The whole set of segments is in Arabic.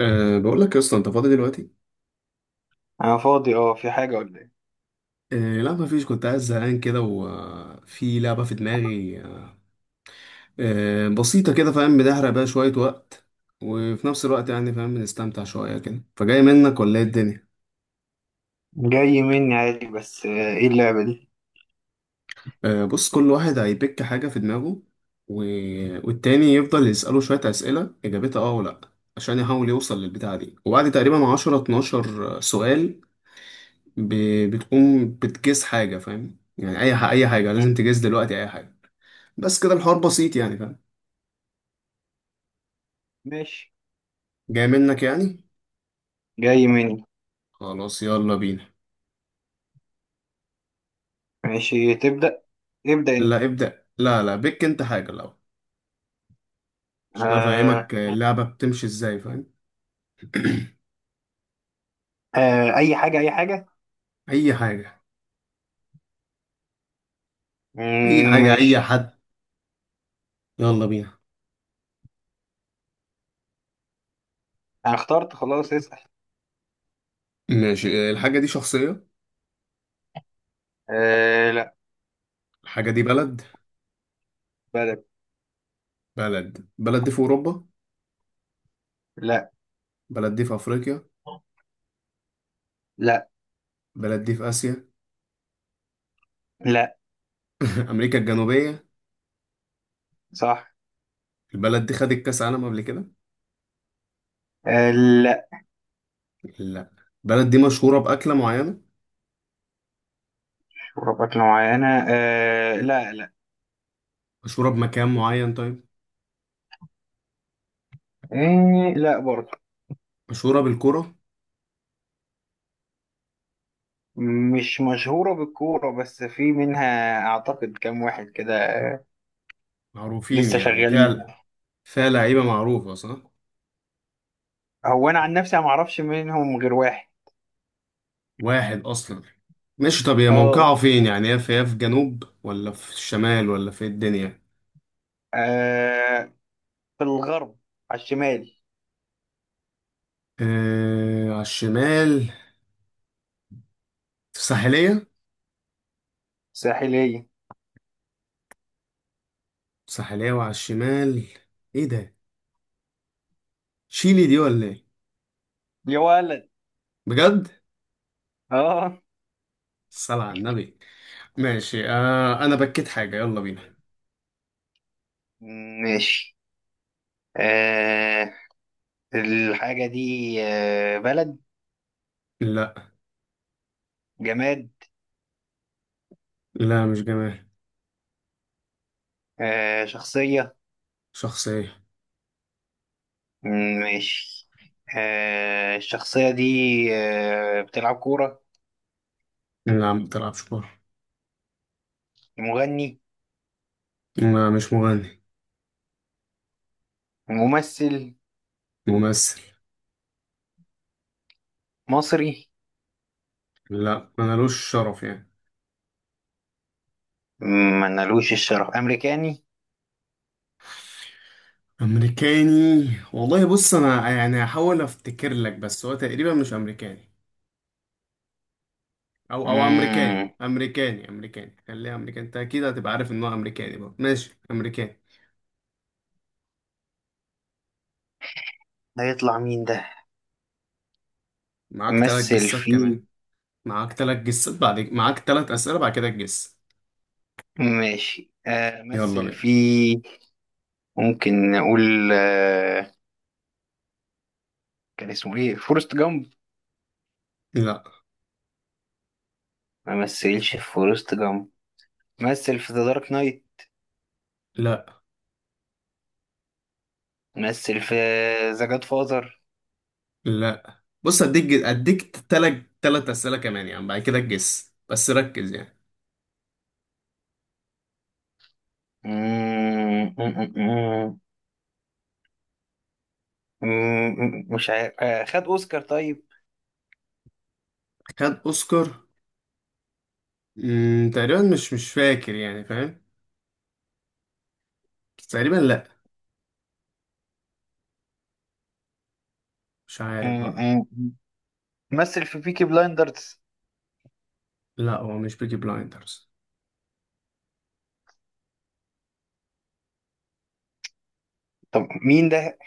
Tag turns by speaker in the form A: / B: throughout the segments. A: بقول لك يا اسطى، انت فاضي دلوقتي؟
B: انا فاضي، اه، في حاجة ولا ايه؟
A: لا، ما فيش، كنت قاعد زهقان كده وفي لعبه في دماغي. بسيطه كده، فاهم؟ بتحرق بقى شويه وقت، وفي نفس الوقت يعني فاهم، بنستمتع شويه كده. فجاي منك ولا ايه الدنيا؟
B: جاي مني عادي بس ايه اللعبة دي؟
A: بص، كل واحد هيبيك حاجه في دماغه و... والتاني يفضل يساله شويه اسئله اجابتها اه ولا لأ، عشان يحاول يوصل للبتاعه دي، وبعد تقريبا 10 12 سؤال ب... بتقوم بتجس حاجه، فاهم؟ يعني اي حاجه،
B: مم.
A: لازم تجس دلوقتي اي حاجه. بس كده الحوار بسيط، يعني فاهم؟
B: ماشي.
A: جاي منك يعني.
B: جاي مني.
A: خلاص، يلا بينا.
B: ماشي، تبدأ. ابدأ انت.
A: لا، ابدأ، لا لا، بك انت حاجة الأول عشان
B: آه.
A: افهمك اللعبة بتمشي ازاي، فاهم؟
B: آه، اي حاجة اي حاجة.
A: اي حاجة، اي
B: مم،
A: حاجة، اي
B: ماشي.
A: حد. يلا بينا.
B: انا اخترت، خلاص اسأل.
A: ماشي، الحاجة دي شخصية؟
B: آه لا.
A: الحاجة دي بلد؟
B: بدأ.
A: بلد دي في أوروبا؟
B: لا
A: بلد دي في أفريقيا؟
B: لا
A: بلد دي في آسيا؟
B: لا.
A: أمريكا الجنوبية.
B: صح.
A: البلد دي خدت كأس عالم قبل كده؟
B: آه. لا.
A: لا. البلد دي مشهورة بأكلة معينة؟
B: شربات معينة، آه لا لا.
A: مشهورة بمكان معين، طيب؟
B: آه لا برضه.
A: مشهورة بالكرة؟
B: مش مشهورة بالكورة، بس في منها أعتقد كام واحد كده
A: معروفين
B: لسه
A: يعني
B: شغالين.
A: فعلا. فيها لعيبة معروفة صح؟
B: هو انا عن نفسي ما اعرفش منهم غير واحد.
A: واحد أصلا. ماشي، طب هي موقعه
B: اه.
A: فين يعني، هي في جنوب ولا في الشمال ولا في إيه الدنيا؟
B: آه. في الغرب. على الشمال.
A: آه، على الشمال. في الساحلية؟
B: ساحلية.
A: الساحلية وعلى الشمال. ايه ده؟ تشيلي دي ولا ايه؟
B: يا ولد.
A: بجد؟
B: اه.
A: الصلاة على النبي. ماشي، أنا بكيت حاجة، يلا بينا.
B: ماشي. آه الحاجة دي بلد.
A: لا.
B: جماد.
A: لا، مش جمال.
B: شخصية.
A: شخص ايه؟
B: ماشي. الشخصية دي بتلعب كورة.
A: لا، ما بتلعبش كورة.
B: مغني.
A: لا، مش مغني.
B: ممثل.
A: ممثل.
B: مصري.
A: لا، ملوش شرف يعني.
B: ملوش الشرف، أمريكاني.
A: امريكاني. والله بص، انا يعني هحاول افتكر لك، بس هو تقريبا مش امريكاني. او
B: مم،
A: امريكاني، امريكاني امريكاني، خليها امريكاني، انت اكيد هتبقى عارف ان هو امريكاني بقى. ماشي، امريكاني.
B: هيطلع مين ده؟
A: معاك تلات
B: مثل
A: جسات كمان.
B: في.
A: معاك تلات جسات، بعد معاك تلات اسئله بعد كده تجس.
B: ماشي،
A: يلا
B: مثل في.
A: بينا.
B: ممكن نقول كان اسمه ايه، فورست جامب؟
A: لا
B: ما مثلش في فورست جامب. مثل في ذا دارك نايت.
A: لا
B: مثل في ذا جاد فاذر.
A: لا. بص، اديك تلات اسئله كمان يعني، بعد كده تجس، بس ركز يعني.
B: مش عارف. خد اوسكار طيب؟
A: خد اوسكار؟ تقريبا مش فاكر يعني، فاهم؟ بس تقريبا لا. مش عارف بقى.
B: م- م- مثل في بيكي بلايندرز؟
A: لا، هو مش بيكي بلايندرز.
B: طب مين ده؟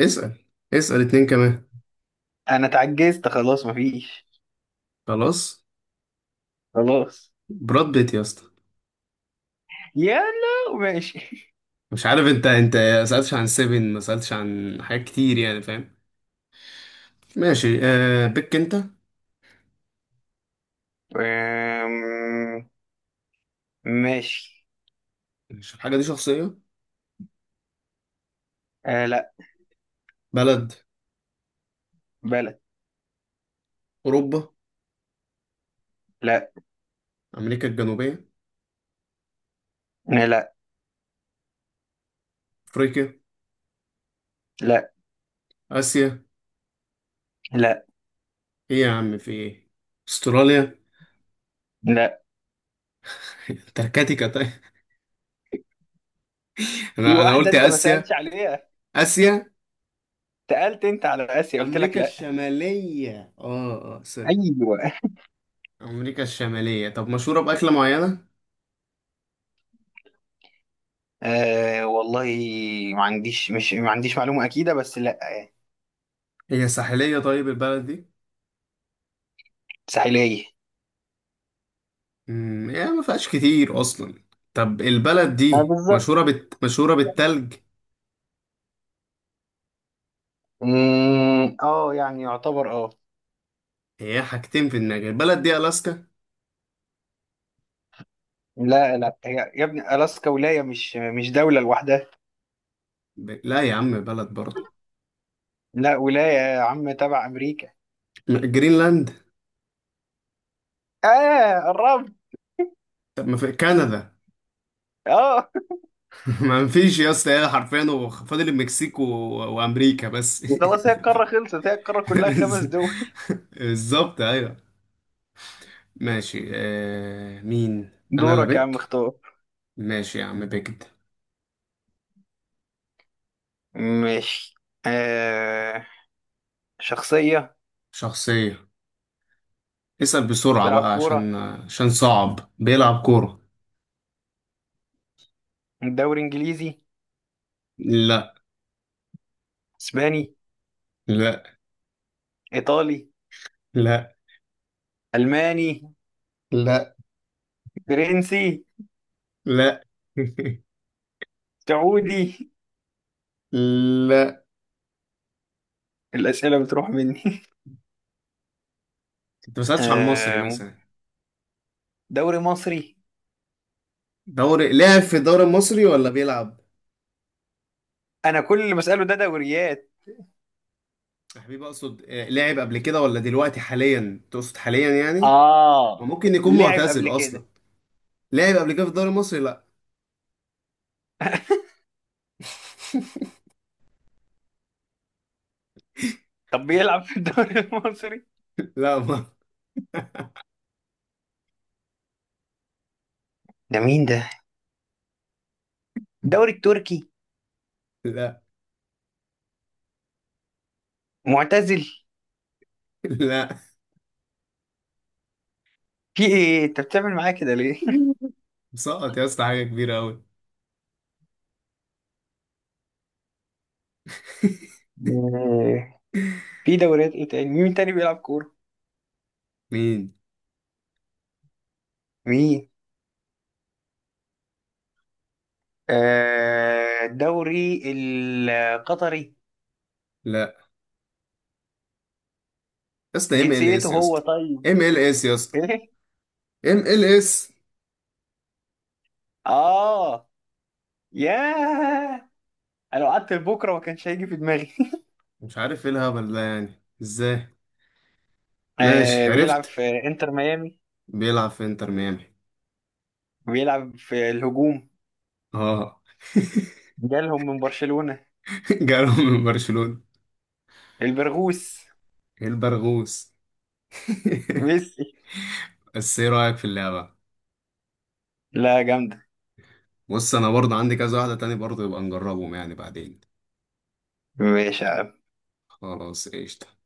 A: اسأل. اسأل اتنين كمان.
B: انا اتعجزت خلاص، مفيش.
A: خلاص.
B: خلاص.
A: براد بيت يا اسطى.
B: يلا ماشي.
A: مش عارف، انت ما سألتش عن سيفن، ما سألتش عن حاجات كتير يعني، فاهم؟ ماشي، بيك انت.
B: آم، ماشي.
A: مش الحاجة دي شخصية؟
B: آه لا.
A: بلد؟
B: بلا.
A: أوروبا؟
B: لا.
A: أمريكا الجنوبية؟
B: لا. لا.
A: أفريقيا؟
B: لا.
A: آسيا؟ إيه يا عم في إيه؟ أستراليا؟
B: لا.
A: انتاركتيكا طيب؟
B: في
A: أنا
B: واحدة
A: قلت
B: أنت ما
A: آسيا.
B: سألتش عليها.
A: آسيا.
B: سألت أنت على آسيا، قلت لك
A: أمريكا
B: لا.
A: الشمالية، آه آه سوري،
B: أيوه.
A: أمريكا الشمالية. طب مشهورة بأكلة معينة؟
B: آه والله، ما عنديش معلومة أكيدة، بس لا يعني.
A: هي ساحلية طيب البلد دي؟
B: ساحلية.
A: يعني ما فيهاش كتير أصلا. طب البلد دي
B: بالظبط.
A: مشهورة بالتلج؟
B: اه يعني يعتبر
A: هي حاجتين في دماغي، البلد دي ألاسكا؟
B: لا لا، هي يا ابني ألاسكا ولاية، مش دولة لوحدها.
A: لا يا عم، بلد برضه.
B: لا، ولاية يا عم، تبع أمريكا.
A: جرينلاند؟
B: آه قربت.
A: طب ما في كندا.
B: اه.
A: ما فيش يا اسطى، هي حرفيا هو فاضل المكسيك وأمريكا بس.
B: خلاص، هي القارة خلصت، هي القارة كلها خمس
A: بز-
B: دول.
A: بالظبط أيوه. ماشي، مين؟ أنا اللي
B: دورك يا عم،
A: بك؟
B: اختار.
A: ماشي يا عم بجد.
B: ماشي. آه شخصية.
A: شخصية. اسأل بسرعة
B: بيلعب
A: بقى، عشان
B: كورة.
A: عشان صعب. بيلعب كورة.
B: دوري إنجليزي؟
A: لا
B: إسباني؟
A: لا
B: إيطالي؟
A: لا
B: ألماني؟
A: لا
B: فرنسي؟
A: لا.
B: سعودي؟
A: لا،
B: الأسئلة بتروح مني.
A: انت ما سألتش عن المصري
B: آه
A: مثلا.
B: دوري مصري؟
A: لعب في الدوري المصري ولا بيلعب؟
B: أنا كل اللي بسأله ده دوريات.
A: يا حبيبي اقصد، لعب قبل كده ولا دلوقتي، حاليا تقصد حاليا يعني؟
B: آه،
A: وممكن يكون
B: لعب
A: معتزل
B: قبل
A: اصلا.
B: كده.
A: لعب قبل كده في الدوري المصري، لا.
B: طب بيلعب في الدوري المصري؟
A: لا ما.
B: ده مين ده؟ الدوري التركي؟
A: لا
B: معتزل؟
A: لا،
B: في ايه، انت بتعمل معايا كده ليه؟
A: مسقط يا اسطى حاجة كبيرة أوي.
B: آه، في دوريات ايه تاني؟ مين تاني بيلعب كورة؟
A: مين؟
B: مين؟ الدوري القطري؟
A: لا يا اسطى، ام ال
B: جنسيته
A: اس يا
B: هو
A: اسطى.
B: طيب؟
A: MLS يا اسطى.
B: ايه.
A: ام ال اس.
B: اه. ياه، انا لو قعدت لبكره ما كانش هيجي في دماغي.
A: مش عارف ايه الهبل ده يعني ازاي. ماشي
B: بيلعب
A: عرفت.
B: في انتر ميامي.
A: بيلعب في انتر ميامي.
B: بيلعب في الهجوم.
A: اه.
B: جالهم من برشلونة.
A: جاله من برشلونة.
B: البرغوث.
A: ايه البرغوث.
B: ميسي.
A: بس ايه رأيك في اللعبة؟
B: لا، جامدة.
A: بص انا برضه عندي كذا واحدة تاني برضه، يبقى نجربهم يعني بعدين.
B: ماشي.
A: خلاص قشطة.